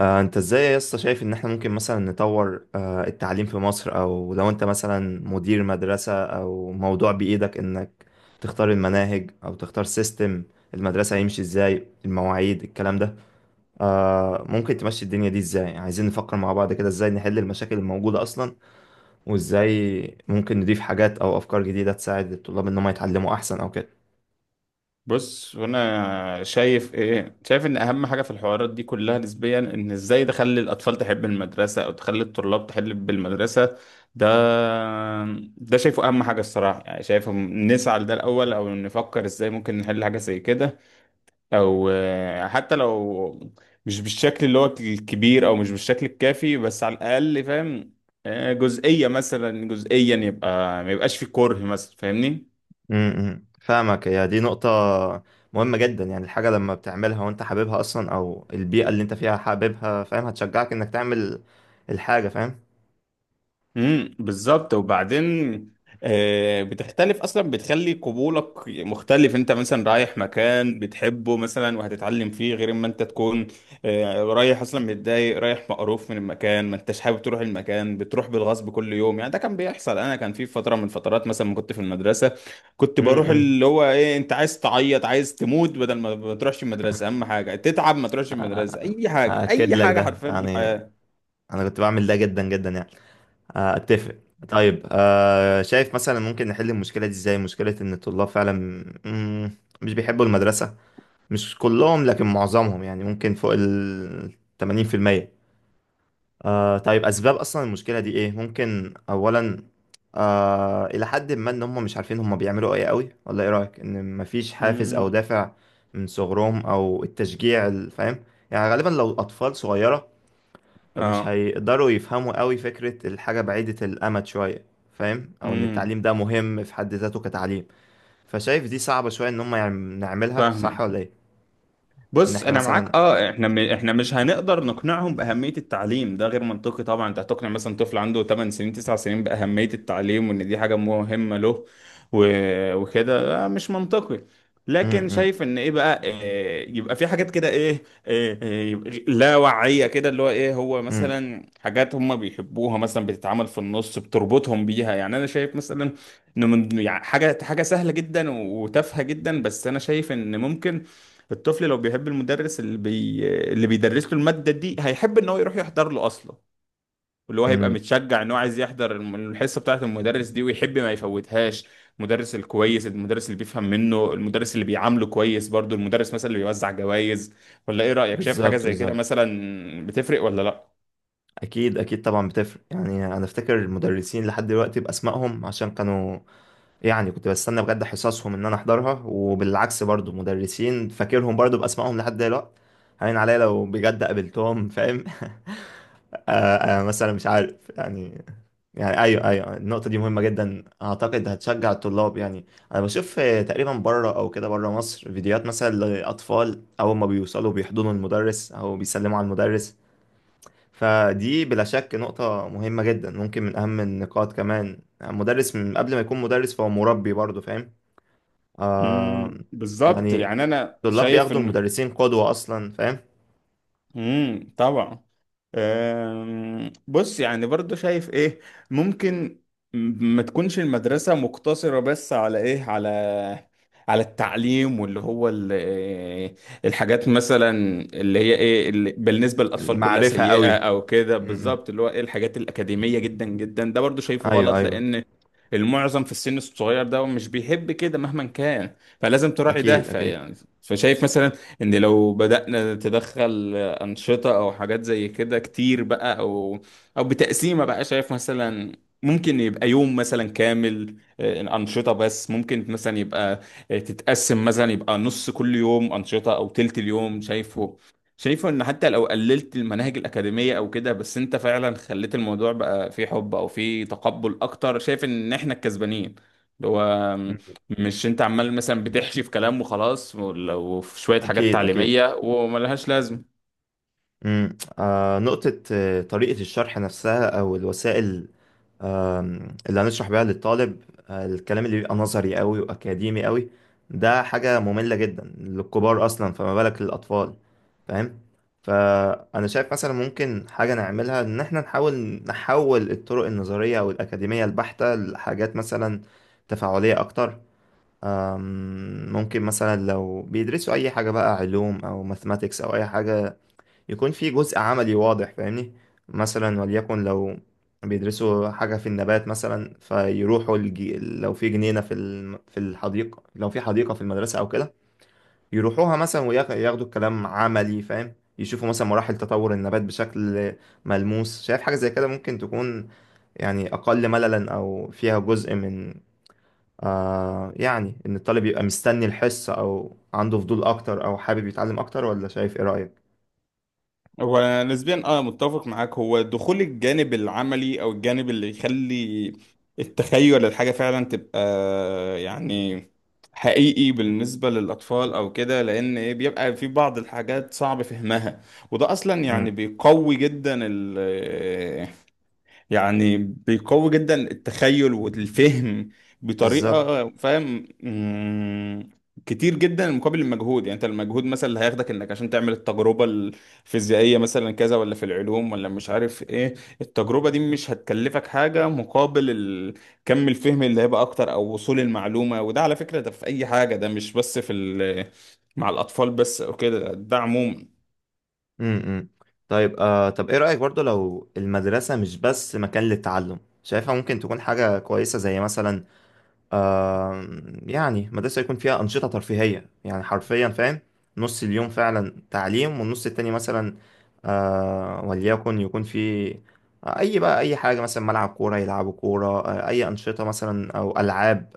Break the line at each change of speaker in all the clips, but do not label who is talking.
انت ازاي يا اسطى، شايف ان احنا ممكن مثلا نطور التعليم في مصر، او لو انت مثلا مدير مدرسة او موضوع بإيدك انك تختار المناهج او تختار سيستم المدرسة، هيمشي ازاي؟ المواعيد، الكلام ده ممكن تمشي الدنيا دي ازاي؟ يعني عايزين نفكر مع بعض كده ازاي نحل المشاكل الموجودة اصلا، وازاي ممكن نضيف حاجات او افكار جديدة تساعد الطلاب ان هم يتعلموا احسن او كده.
بص وانا شايف ان اهم حاجه في الحوارات دي كلها نسبيا ان ازاي تخلي الاطفال تحب المدرسه او تخلي الطلاب تحب المدرسه. ده ده شايفه اهم حاجه الصراحه، يعني شايفه نسعى لده الاول او نفكر ازاي ممكن نحل حاجه زي كده. او حتى لو مش بالشكل اللي هو الكبير او مش بالشكل الكافي، بس على الاقل فاهم جزئيه، مثلا جزئيا، يبقى ما يبقاش في كره مثلا، فاهمني.
امم، فاهمك. هي دي نقطة مهمة جدا، يعني الحاجة لما بتعملها وانت حاببها اصلا، او البيئة اللي انت فيها حاببها فاهم، هتشجعك انك تعمل الحاجة، فاهم؟
امم، بالظبط. وبعدين بتختلف اصلا، بتخلي قبولك مختلف. انت مثلا رايح مكان بتحبه مثلا وهتتعلم فيه، غير ما انت تكون رايح اصلا متضايق، رايح مقروف من المكان، ما انتش حابب تروح المكان، بتروح بالغصب كل يوم. يعني ده كان بيحصل انا، كان في فتره من الفترات مثلا ما كنت في المدرسه كنت بروح
امم.
اللي هو ايه، انت عايز تعيط، عايز تموت بدل ما تروحش المدرسه، اهم حاجه تتعب ما تروحش المدرسه، اي حاجه،
اكد
اي
لك
حاجه
ده
حرفيا في
يعني،
الحياه.
انا كنت بعمل ده جدا جدا، يعني اتفق. طيب، شايف مثلا ممكن نحل المشكلة دي ازاي؟ مشكلة ان الطلاب فعلا مم، مش بيحبوا المدرسة، مش كلهم لكن معظمهم، يعني ممكن فوق ال 80%. طيب، أسباب أصلا المشكلة دي إيه؟ ممكن أولا إلى حد ما، إن هم مش عارفين هم بيعملوا إيه قوي، ولا إيه رأيك؟ إن مفيش حافز أو
امم.
دافع من صغرهم أو التشجيع، فاهم؟ يعني غالبا لو أطفال صغيرة، فمش
اه.
هيقدروا يفهموا قوي فكرة الحاجة بعيدة الأمد شوية، فاهم؟ أو إن
امم.
التعليم ده مهم في حد ذاته كتعليم، فشايف دي صعبة شوية إن هم نعملها صح
فاهمك.
ولا إيه؟ إن
بص
إحنا
انا معاك،
مثلا
اه. احنا مش هنقدر نقنعهم باهميه التعليم، ده غير منطقي طبعا. انت هتقنع مثلا طفل عنده 8 سنين، 9 سنين باهميه التعليم وان دي حاجه مهمه له و... وكده؟ مش منطقي.
م-
لكن
م-
شايف ان ايه بقى، إيه يبقى في حاجات كده إيه لا وعيه كده، اللي هو ايه، هو
م-
مثلا حاجات هم بيحبوها مثلا بتتعمل في النص بتربطهم بيها. يعني انا شايف مثلا ان من يعني، حاجه حاجه سهله جدا وتافهه جدا، بس انا شايف ان ممكن الطفل لو بيحب المدرس اللي بيدرس له المادة دي هيحب ان هو يروح يحضر له اصلا، اللي هو هيبقى
م-
متشجع ان هو عايز يحضر الحصة بتاعة المدرس دي ويحب ما يفوتهاش. المدرس الكويس، المدرس اللي بيفهم منه، المدرس اللي بيعامله كويس برضو، المدرس مثلا اللي بيوزع جوائز. ولا ايه رأيك؟ شايف حاجة
بالظبط
زي كده
بالظبط،
مثلا بتفرق ولا لا؟
اكيد اكيد، طبعا بتفرق. يعني انا افتكر المدرسين لحد دلوقتي باسمائهم، عشان كانوا يعني كنت بستنى بجد حصصهم ان انا احضرها، وبالعكس برضو مدرسين فاكرهم برضو باسمائهم لحد دلوقتي، هين عليا لو بجد قابلتهم، فاهم؟ مثلا مش عارف، يعني ايوه ايوه، النقطه دي مهمه جدا، اعتقد هتشجع الطلاب يعني. انا بشوف تقريبا بره او كده، بره مصر، فيديوهات مثلا لاطفال اول ما بيوصلوا بيحضنوا المدرس او بيسلموا على المدرس. فدي بلا شك نقطة مهمة جدا، ممكن من أهم النقاط. كمان مدرس من قبل ما يكون مدرس فهو مربي برضه، فاهم؟ آه
امم، بالظبط.
يعني
يعني انا
الطلاب
شايف
بياخدوا
ان،
المدرسين قدوة أصلا، فاهم؟
امم، طبعا. بص يعني برضو شايف ايه ممكن، ما تكونش المدرسة مقتصرة بس على ايه، على التعليم واللي هو ال- إيه، الحاجات مثلا اللي هي ايه، اللي بالنسبة للأطفال كلها
المعرفة
سيئة
قوي.
او كده،
م.
بالظبط اللي هو ايه، الحاجات الأكاديمية جدا جدا. ده برضو شايفه
أيوه
غلط،
أيوه،
لأن المعظم في السن الصغير ده مش بيحب كده مهما كان، فلازم تراعي ده،
أكيد أكيد.
فيعني فشايف مثلا ان لو بدأنا تدخل أنشطة أو حاجات زي كده كتير بقى، أو بتقسيمة بقى. شايف مثلا ممكن يبقى يوم مثلا كامل أنشطة بس، ممكن مثلا يبقى تتقسم مثلا، يبقى نص كل يوم أنشطة أو تلت اليوم. شايفه إن حتى لو قللت المناهج الأكاديمية أو كده، بس أنت فعلا خليت الموضوع بقى فيه حب أو فيه تقبل أكتر، شايف إن إحنا الكسبانين. اللي هو
م-
مش انت عمال مثلا بتحشي في كلام وخلاص، ولو في شوية حاجات
أكيد أكيد.
تعليمية وملهاش لازمة.
م. نقطة، طريقة الشرح نفسها أو الوسائل اللي هنشرح بيها للطالب، الكلام اللي بيبقى نظري قوي واكاديمي قوي، ده حاجة مملة جدا للكبار اصلا، فما بالك للاطفال؟ فاهم؟ فانا شايف مثلا ممكن حاجة نعملها، ان احنا نحاول نحول الطرق النظرية او الاكاديمية البحتة لحاجات مثلا تفاعلية اكتر. ممكن مثلا لو بيدرسوا اي حاجة بقى، علوم او ماثماتكس او اي حاجة، يكون في جزء عملي واضح، فاهمني؟ مثلا وليكن لو بيدرسوا حاجة في النبات مثلا، فيروحوا لو في جنينة في في الحديقة، لو في حديقة في المدرسة أو كده، يروحوها مثلا وياخدوا الكلام عملي، فاهم؟ يشوفوا مثلا مراحل تطور النبات بشكل ملموس. شايف حاجة زي كده ممكن تكون، يعني أقل مللا أو فيها جزء من يعني، إن الطالب يبقى مستني الحصة أو عنده فضول أكتر أو حابب يتعلم أكتر، ولا شايف إيه رأيك؟
هو أنا نسبيا، اه، متفق معاك. هو دخول الجانب العملي او الجانب اللي يخلي التخيل الحاجة فعلا تبقى يعني حقيقي بالنسبة للأطفال أو كده، لأن إيه، بيبقى في بعض الحاجات صعب فهمها، وده أصلا يعني
مم.
بيقوي جدا، يعني بيقوي جدا التخيل والفهم
بالظبط.
بطريقة، فاهم؟ كتير جدا مقابل المجهود. يعني انت المجهود مثلا اللي هياخدك انك عشان تعمل التجربة الفيزيائية مثلا كذا، ولا في العلوم، ولا مش عارف ايه، التجربة دي مش هتكلفك حاجة مقابل كم الفهم اللي هيبقى اكتر او وصول المعلومة. وده على فكرة، ده في اي حاجة، ده مش بس في مع الاطفال بس او كده، ده عموما.
امم، طيب، طب ايه رأيك برضو لو المدرسة مش بس مكان للتعلم؟ شايفها ممكن تكون حاجة كويسة زي مثلا، آه يعني، مدرسة يكون فيها أنشطة ترفيهية، يعني حرفيا، فاهم؟ نص اليوم فعلا تعليم، والنص التاني مثلا وليكن يكون في أي بقى، أي حاجة، مثلا ملعب كورة يلعبوا كورة، أي أنشطة مثلا أو ألعاب،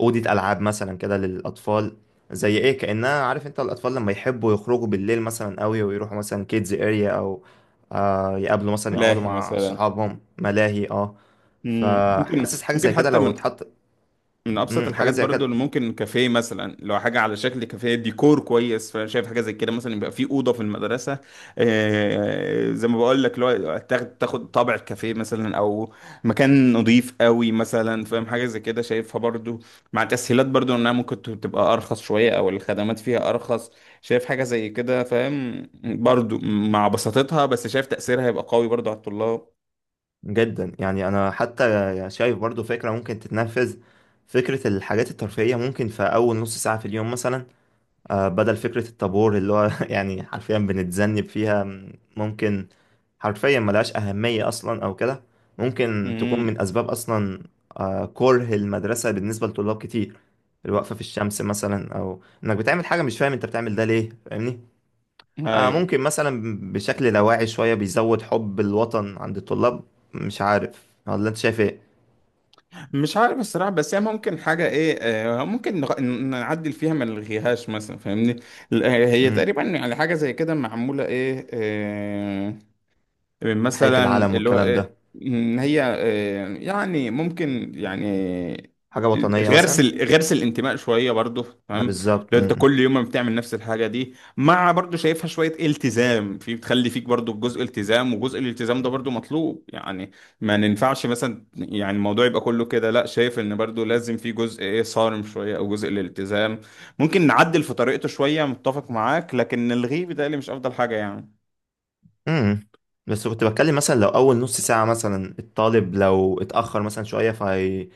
أوضة ألعاب مثلا كده للأطفال. زي إيه، كأنها، عارف أنت الأطفال لما يحبوا يخرجوا بالليل مثلا قوي، ويروحوا مثلا كيدز أريا، أو يقابلوا مثلا، يقعدوا
ملاهي
مع
مثلا.
صحابهم، ملاهي،
مم. ممكن
فحاسس حاجة زي
ممكن
كده
حتى
لو
من
اتحط.
من ابسط
حاجة
الحاجات
زي
برضو
كده،
اللي ممكن كافيه مثلا، لو حاجه على شكل كافيه ديكور كويس، فانا شايف حاجه زي كده مثلا، يبقى في اوضه في المدرسه زي ما بقول لك، لو تاخد طابع الكافيه مثلا، او مكان نظيف قوي مثلا، فاهم؟ حاجه زي كده شايفها برضو، مع تسهيلات برضو انها ممكن تبقى ارخص شويه او الخدمات فيها ارخص. شايف حاجه زي كده، فاهم؟ برضو مع بساطتها، بس شايف تاثيرها هيبقى قوي برضو على الطلاب.
جدا يعني. أنا حتى شايف برضو فكرة ممكن تتنفذ: فكرة الحاجات الترفيهية ممكن في أول نص ساعة في اليوم مثلا، بدل فكرة الطابور اللي هو يعني حرفيا بنتذنب فيها. ممكن حرفيا ملهاش أهمية أصلا أو كده، ممكن تكون
امم.
من أسباب أصلا كره المدرسة بالنسبة لطلاب كتير، الوقفة في الشمس مثلا، أو إنك بتعمل حاجة مش فاهم أنت بتعمل ده ليه، فاهمني؟
ايوه.
ممكن مثلا بشكل لاواعي شوية بيزود حب الوطن عند الطلاب، مش عارف، ولا أنت شايف إيه؟
مش عارف الصراحة، بس هي ممكن حاجة ايه، ممكن نعدل فيها ما نلغيهاش مثلا، فاهمني؟ هي
مم،
تقريبا يعني حاجة زي كده معمولة ايه،
تحية
مثلا
العلم
اللي هو
والكلام ده،
إن هي يعني ممكن يعني
حاجة وطنية
غرس
مثلا.
ال- غرس الانتماء شويه برضو.
ما
تمام.
بالظبط.
لو انت
مم.
كل يوم ما بتعمل نفس الحاجه دي، مع برضو شايفها شويه التزام، في بتخلي فيك برضو جزء التزام، وجزء الالتزام ده برضو مطلوب يعني. ما ننفعش مثلا يعني الموضوع يبقى كله كده لا، شايف ان برضو لازم في جزء ايه، صارم شويه او جزء الالتزام. ممكن نعدل في طريقته شويه، متفق معاك، لكن الغيه بيتهيألي مش افضل حاجه.
امم. بس كنت بتكلم مثلا لو اول نص ساعة مثلا، الطالب لو اتأخر مثلا شوية، فهي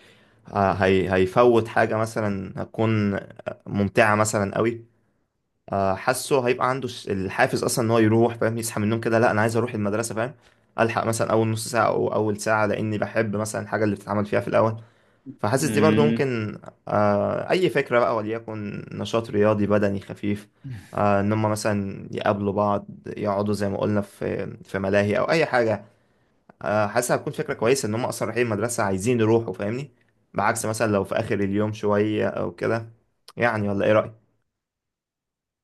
هي هيفوت حاجة مثلا هتكون ممتعة مثلا قوي. حاسه هيبقى عنده الحافز اصلا ان هو يروح، فاهم؟ يصحى من النوم كده، لا انا عايز اروح المدرسة، فاهم؟ الحق مثلا اول نص ساعة او اول ساعة، لاني بحب مثلا الحاجة اللي بتتعمل فيها في الاول. فحاسس دي برضو
يعني
ممكن أي فكرة بقى، وليكن نشاط رياضي بدني خفيف، إن هما مثلا يقابلوا بعض، يقعدوا زي ما قلنا في ملاهي أو أي حاجة. حاسس هتكون فكرة كويسة، إن هما أصلا رايحين المدرسة عايزين يروحوا، فاهمني؟ بعكس مثلا لو في آخر اليوم شوية أو كده، يعني، ولا إيه رأيك؟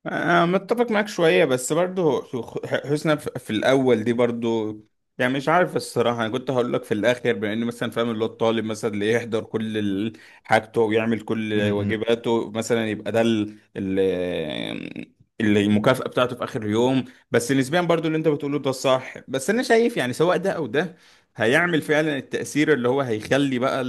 أنا متفق معاك شوية، بس برضو حسنا في الأول دي برضو يعني، مش عارف الصراحة. أنا كنت هقول لك في الآخر، بما إن مثلا فاهم، اللي هو الطالب مثلا اللي يحضر كل حاجته ويعمل
م-
كل
م-
واجباته مثلا، يبقى ده اللي المكافأة بتاعته في آخر يوم. بس نسبيا برضو اللي أنت بتقوله ده صح، بس أنا شايف يعني سواء ده أو ده هيعمل فعلا التأثير اللي هو هيخلي بقى،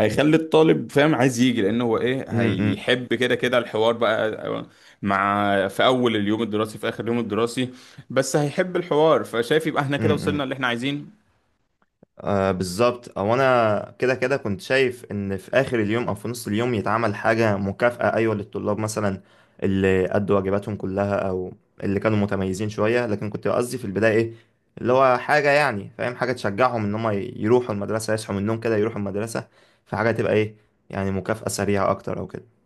هيخلي الطالب فاهم عايز يجي، لانه هو ايه،
م-
هيحب كده كده الحوار بقى، مع في اول اليوم الدراسي في اخر اليوم الدراسي، بس هيحب الحوار. فشايف يبقى احنا كده وصلنا
م.
اللي احنا عايزينه.
بالظبط، او انا كده كده كنت شايف ان في اخر اليوم او في نص اليوم يتعمل حاجه مكافاه، ايوه، للطلاب مثلا اللي ادوا واجباتهم كلها، او اللي كانوا متميزين شويه. لكن كنت قصدي في البدايه ايه، اللي هو حاجه يعني، فاهم؟ حاجه تشجعهم ان هم يروحوا المدرسه، يصحوا من النوم كده يروحوا المدرسه، فحاجه تبقى ايه يعني، مكافاه سريعه اكتر او كده.